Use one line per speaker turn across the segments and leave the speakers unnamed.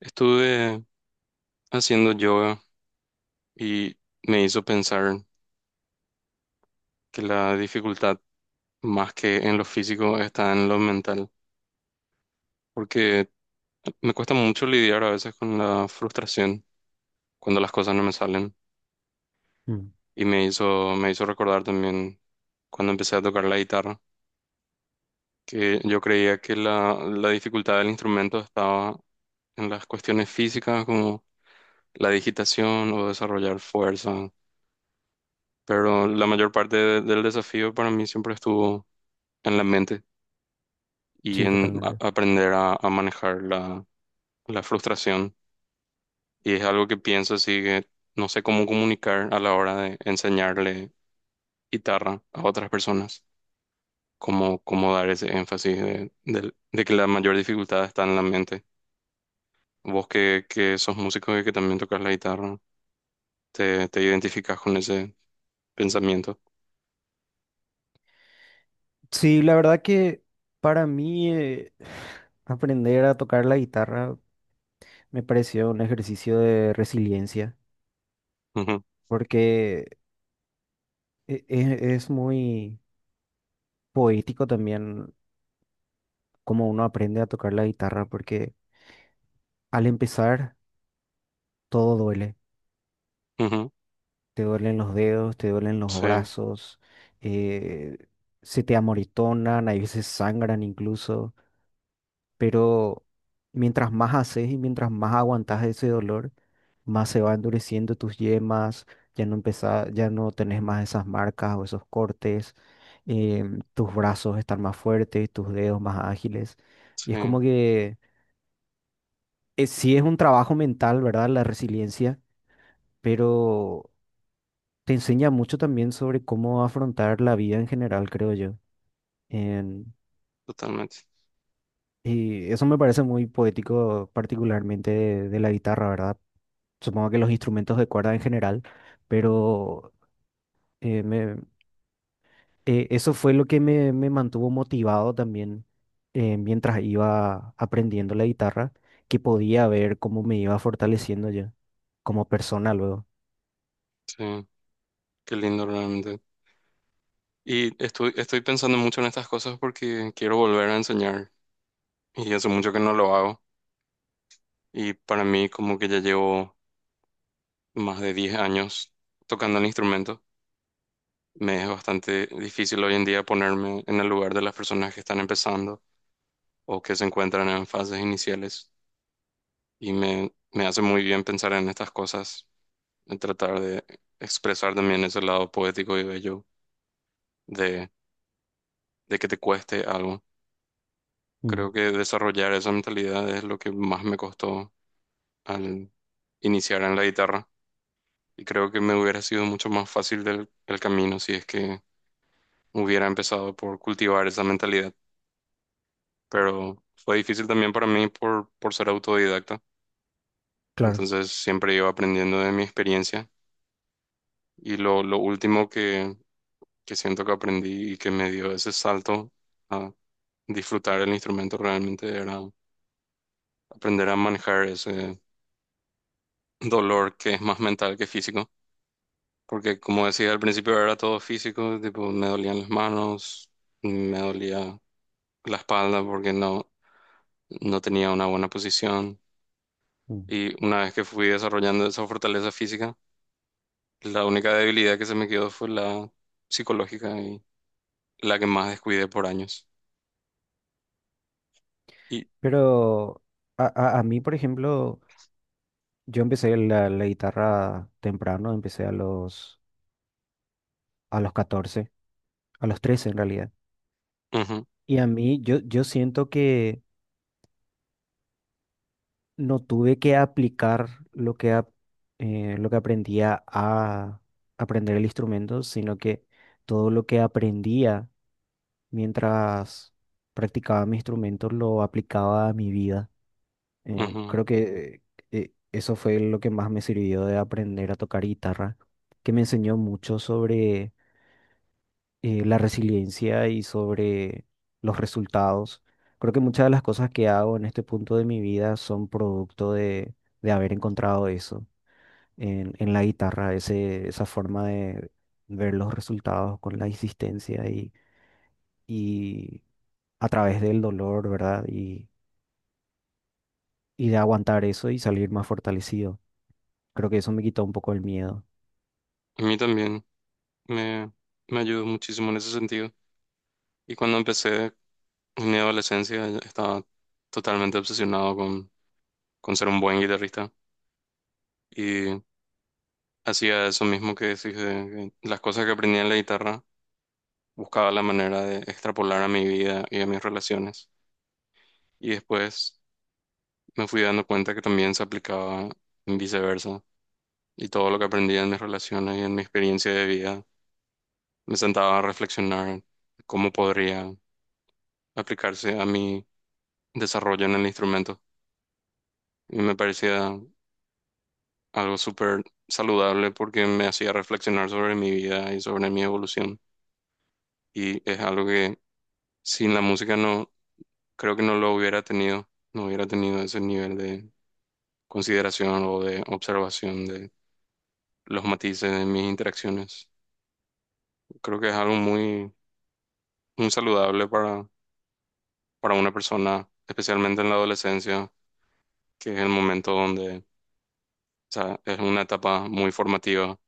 Estuve haciendo yoga y me hizo pensar que la dificultad más que en lo físico está en lo mental, porque me cuesta mucho lidiar a veces con la frustración cuando las cosas no me salen
Mm,
y me hizo recordar también cuando empecé a tocar la guitarra, que yo creía que la dificultad del instrumento estaba en las cuestiones físicas como la digitación o desarrollar fuerza, pero la mayor parte del desafío para mí siempre estuvo en la mente y
sí,
en a-
totalmente.
aprender a manejar la frustración. Y es algo que pienso así que no sé cómo comunicar a la hora de enseñarle guitarra a otras personas, cómo dar ese énfasis de que la mayor dificultad está en la mente. Vos que sos músico y que también tocas la guitarra, te identificas con ese pensamiento.
Sí, la verdad que para mí aprender a tocar la guitarra me pareció un ejercicio de resiliencia, porque es muy poético también cómo uno aprende a tocar la guitarra, porque al empezar todo duele.
Ujú, ujú.
Te duelen los dedos, te duelen los
Sí,
brazos, eh, se te amoritonan, hay veces sangran incluso. Pero mientras más haces y mientras más aguantas ese dolor, más se va endureciendo tus yemas, ya no tenés más esas marcas o esos cortes, tus brazos están más fuertes, tus dedos más ágiles. Y es
sí,
como que es, sí es un trabajo mental, ¿verdad? La resiliencia, pero te enseña mucho también sobre cómo afrontar la vida en general, creo yo. En-
totalmente.
y eso me parece muy poético, particularmente de la guitarra, ¿verdad? Supongo que los instrumentos de cuerda en general, pero eh, me- eso fue lo que me mantuvo motivado también mientras iba aprendiendo la guitarra, que podía ver cómo me iba fortaleciendo yo como persona luego.
Sí, qué lindo realmente. Y estoy pensando mucho en estas cosas porque quiero volver a enseñar y hace mucho que no lo hago. Y para mí como que ya llevo más de 10 años tocando el instrumento. Me es bastante difícil hoy en día ponerme en el lugar de las personas que están empezando o que se encuentran en fases iniciales. Y me hace muy bien pensar en estas cosas, en tratar de expresar también ese lado poético y bello de, de que te cueste algo.
Mm.
Creo que desarrollar esa mentalidad es lo que más me costó al iniciar en la guitarra. Y creo que me hubiera sido mucho más fácil el camino si es que hubiera empezado por cultivar esa mentalidad. Pero fue difícil también para mí por ser autodidacta.
Claro.
Entonces siempre iba aprendiendo de mi experiencia. Y lo último que siento que aprendí y que me dio ese salto a disfrutar el instrumento realmente era aprender a manejar ese dolor que es más mental que físico. Porque como decía al principio era todo físico, tipo me dolían las manos, me dolía la espalda porque no, no tenía una buena posición.
Mm.
Y una vez que fui desarrollando esa fortaleza física, la única debilidad que se me quedó fue la psicológica y la que más descuidé por años. Y
Pero a, a mí, por ejemplo, yo empecé la guitarra temprano, empecé a los catorce, a los 13 en realidad.
ujú,
Y a mí, yo siento que no tuve que aplicar lo que aprendía a aprender el instrumento, sino que todo lo que aprendía mientras practicaba mi instrumento lo aplicaba a mi vida.
ujú.
Creo que eso fue lo que más me sirvió de aprender a tocar guitarra, que me enseñó mucho sobre la resiliencia y sobre los resultados. Creo que muchas de las cosas que hago en este punto de mi vida son producto de haber encontrado eso en la guitarra, ese, esa forma de ver los resultados con la insistencia y a través del dolor, ¿verdad? Y de aguantar eso y salir más fortalecido. Creo que eso me quitó un poco el miedo.
A mí también me, me ayudó muchísimo en ese sentido. Y cuando empecé en mi adolescencia estaba totalmente obsesionado con ser un buen guitarrista. Y hacía eso mismo que decís, de las cosas que aprendí en la guitarra, buscaba la manera de extrapolar a mi vida y a mis relaciones. Y después me fui dando cuenta que también se aplicaba en viceversa. Y todo lo que aprendí en mis relaciones y en mi experiencia de vida, me sentaba a reflexionar cómo podría aplicarse a mi desarrollo en el instrumento. Y me parecía algo súper saludable porque me hacía reflexionar sobre mi vida y sobre mi evolución. Y es algo que sin la música creo que no lo hubiera tenido, no hubiera tenido ese nivel de consideración o de observación de los matices de mis interacciones. Creo que es algo muy saludable para una persona, especialmente en la adolescencia, que es el momento donde, o sea, es una etapa muy formativa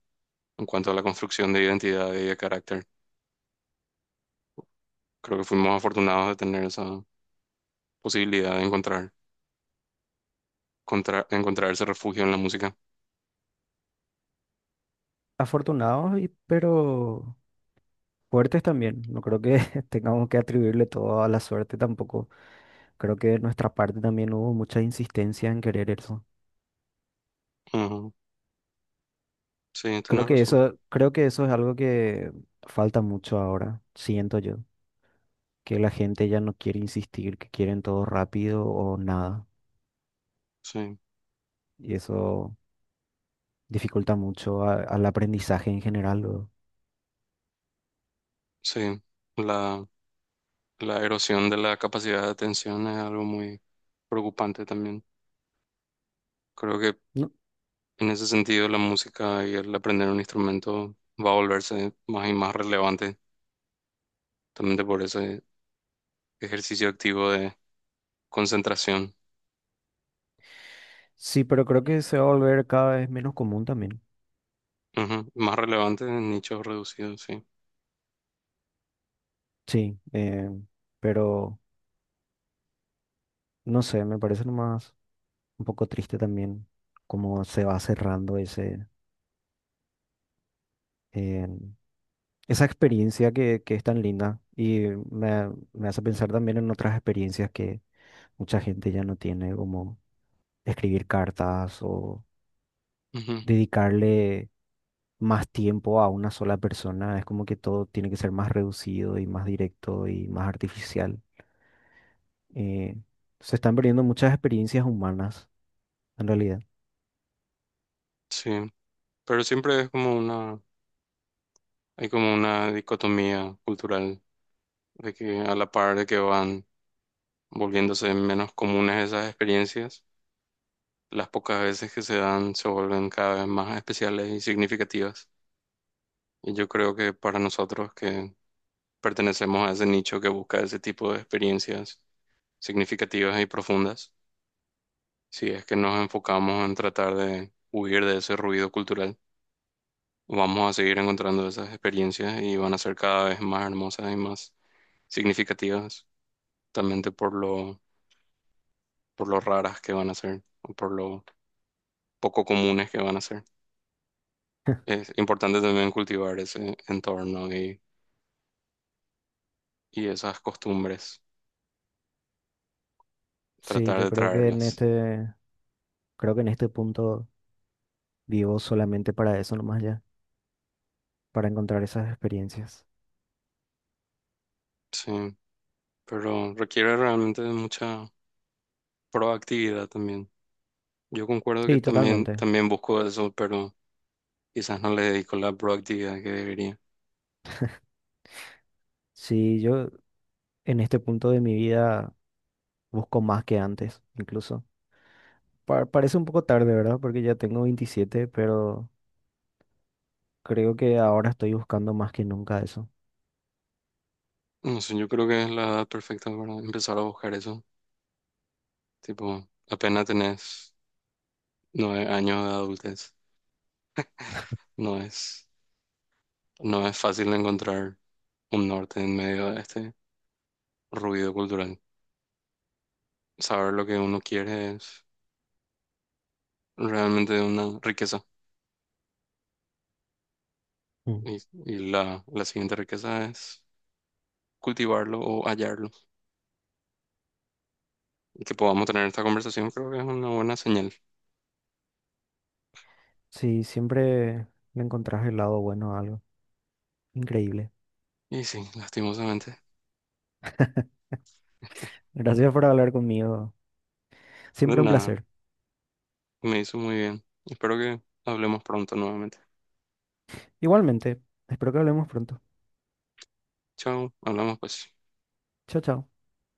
en cuanto a la construcción de identidad y de carácter. Creo que fuimos afortunados de tener esa posibilidad de encontrar, encontrar ese refugio en la música.
Afortunado, pero fuertes también, no creo que tengamos que atribuirle todo a la suerte tampoco. Creo que de nuestra parte también hubo mucha insistencia en querer eso.
Ujú. Sí, tenés razón.
Creo que eso es algo que falta mucho ahora, siento yo, que la gente ya no quiere insistir, que quieren todo rápido o nada.
Sí,
Y eso dificulta mucho al aprendizaje en general luego.
sí. La, la erosión de la capacidad de atención es algo muy preocupante también. Creo que
No,
en ese sentido la música y el aprender un instrumento va a volverse más y más relevante, también por ese ejercicio activo de concentración.
sí, pero creo que se va a volver cada vez menos común también.
Ujú. Más relevante en nichos reducidos, sí.
Sí, pero no sé, me parece nomás un poco triste también cómo se va cerrando ese, eh, esa experiencia que es tan linda y me hace pensar también en otras experiencias que mucha gente ya no tiene, como escribir cartas o
Ujú.
dedicarle más tiempo a una sola persona. Es como que todo tiene que ser más reducido y más directo y más artificial. Eh, se están perdiendo muchas experiencias humanas, en realidad.
Sí, pero siempre es como hay como una dicotomía cultural de que a la par de que van volviéndose menos comunes esas experiencias, las pocas veces que se dan se vuelven cada vez más especiales y significativas. Y yo creo que para nosotros que pertenecemos a ese nicho que busca ese tipo de experiencias significativas y profundas, si es que nos enfocamos en tratar de huir de ese ruido cultural, vamos a seguir encontrando esas experiencias y van a ser cada vez más hermosas y más significativas, justamente por por lo raras que van a ser o por lo poco comunes que van a ser. Es importante también cultivar ese entorno y esas costumbres,
Sí,
tratar
yo
de
creo que
traerlas.
creo que en este punto, vivo solamente para eso nomás ya, para encontrar esas experiencias.
Sí, pero requiere realmente de mucha proactividad también. Yo concuerdo que
Sí, totalmente.
también busco eso, pero quizás no le dedico la proactividad que debería.
Sí, yo en este punto de mi vida busco más que antes, incluso. Parece un poco tarde, ¿verdad? Porque ya tengo 27, pero creo que ahora estoy buscando más que nunca eso.
No sé, yo creo que es la edad perfecta para empezar a buscar eso. Tipo, apenas tenés 9 años de adultez, no es, no es fácil encontrar un norte en medio de este ruido cultural. Saber lo que uno quiere es realmente una riqueza.
Mm.
Y, y la siguiente riqueza es cultivarlo o hallarlo. Y que podamos tener esta conversación creo que es una buena señal.
Sí, siempre me encontrás el lado bueno a algo. Increíble.
Y sí, lastimosamente.
Gracias por hablar conmigo.
De
Siempre un
nada,
placer.
me hizo muy bien. Espero que hablemos pronto nuevamente.
Igualmente, espero que hablemos pronto.
Chao, hablamos pues.
Chao, chao.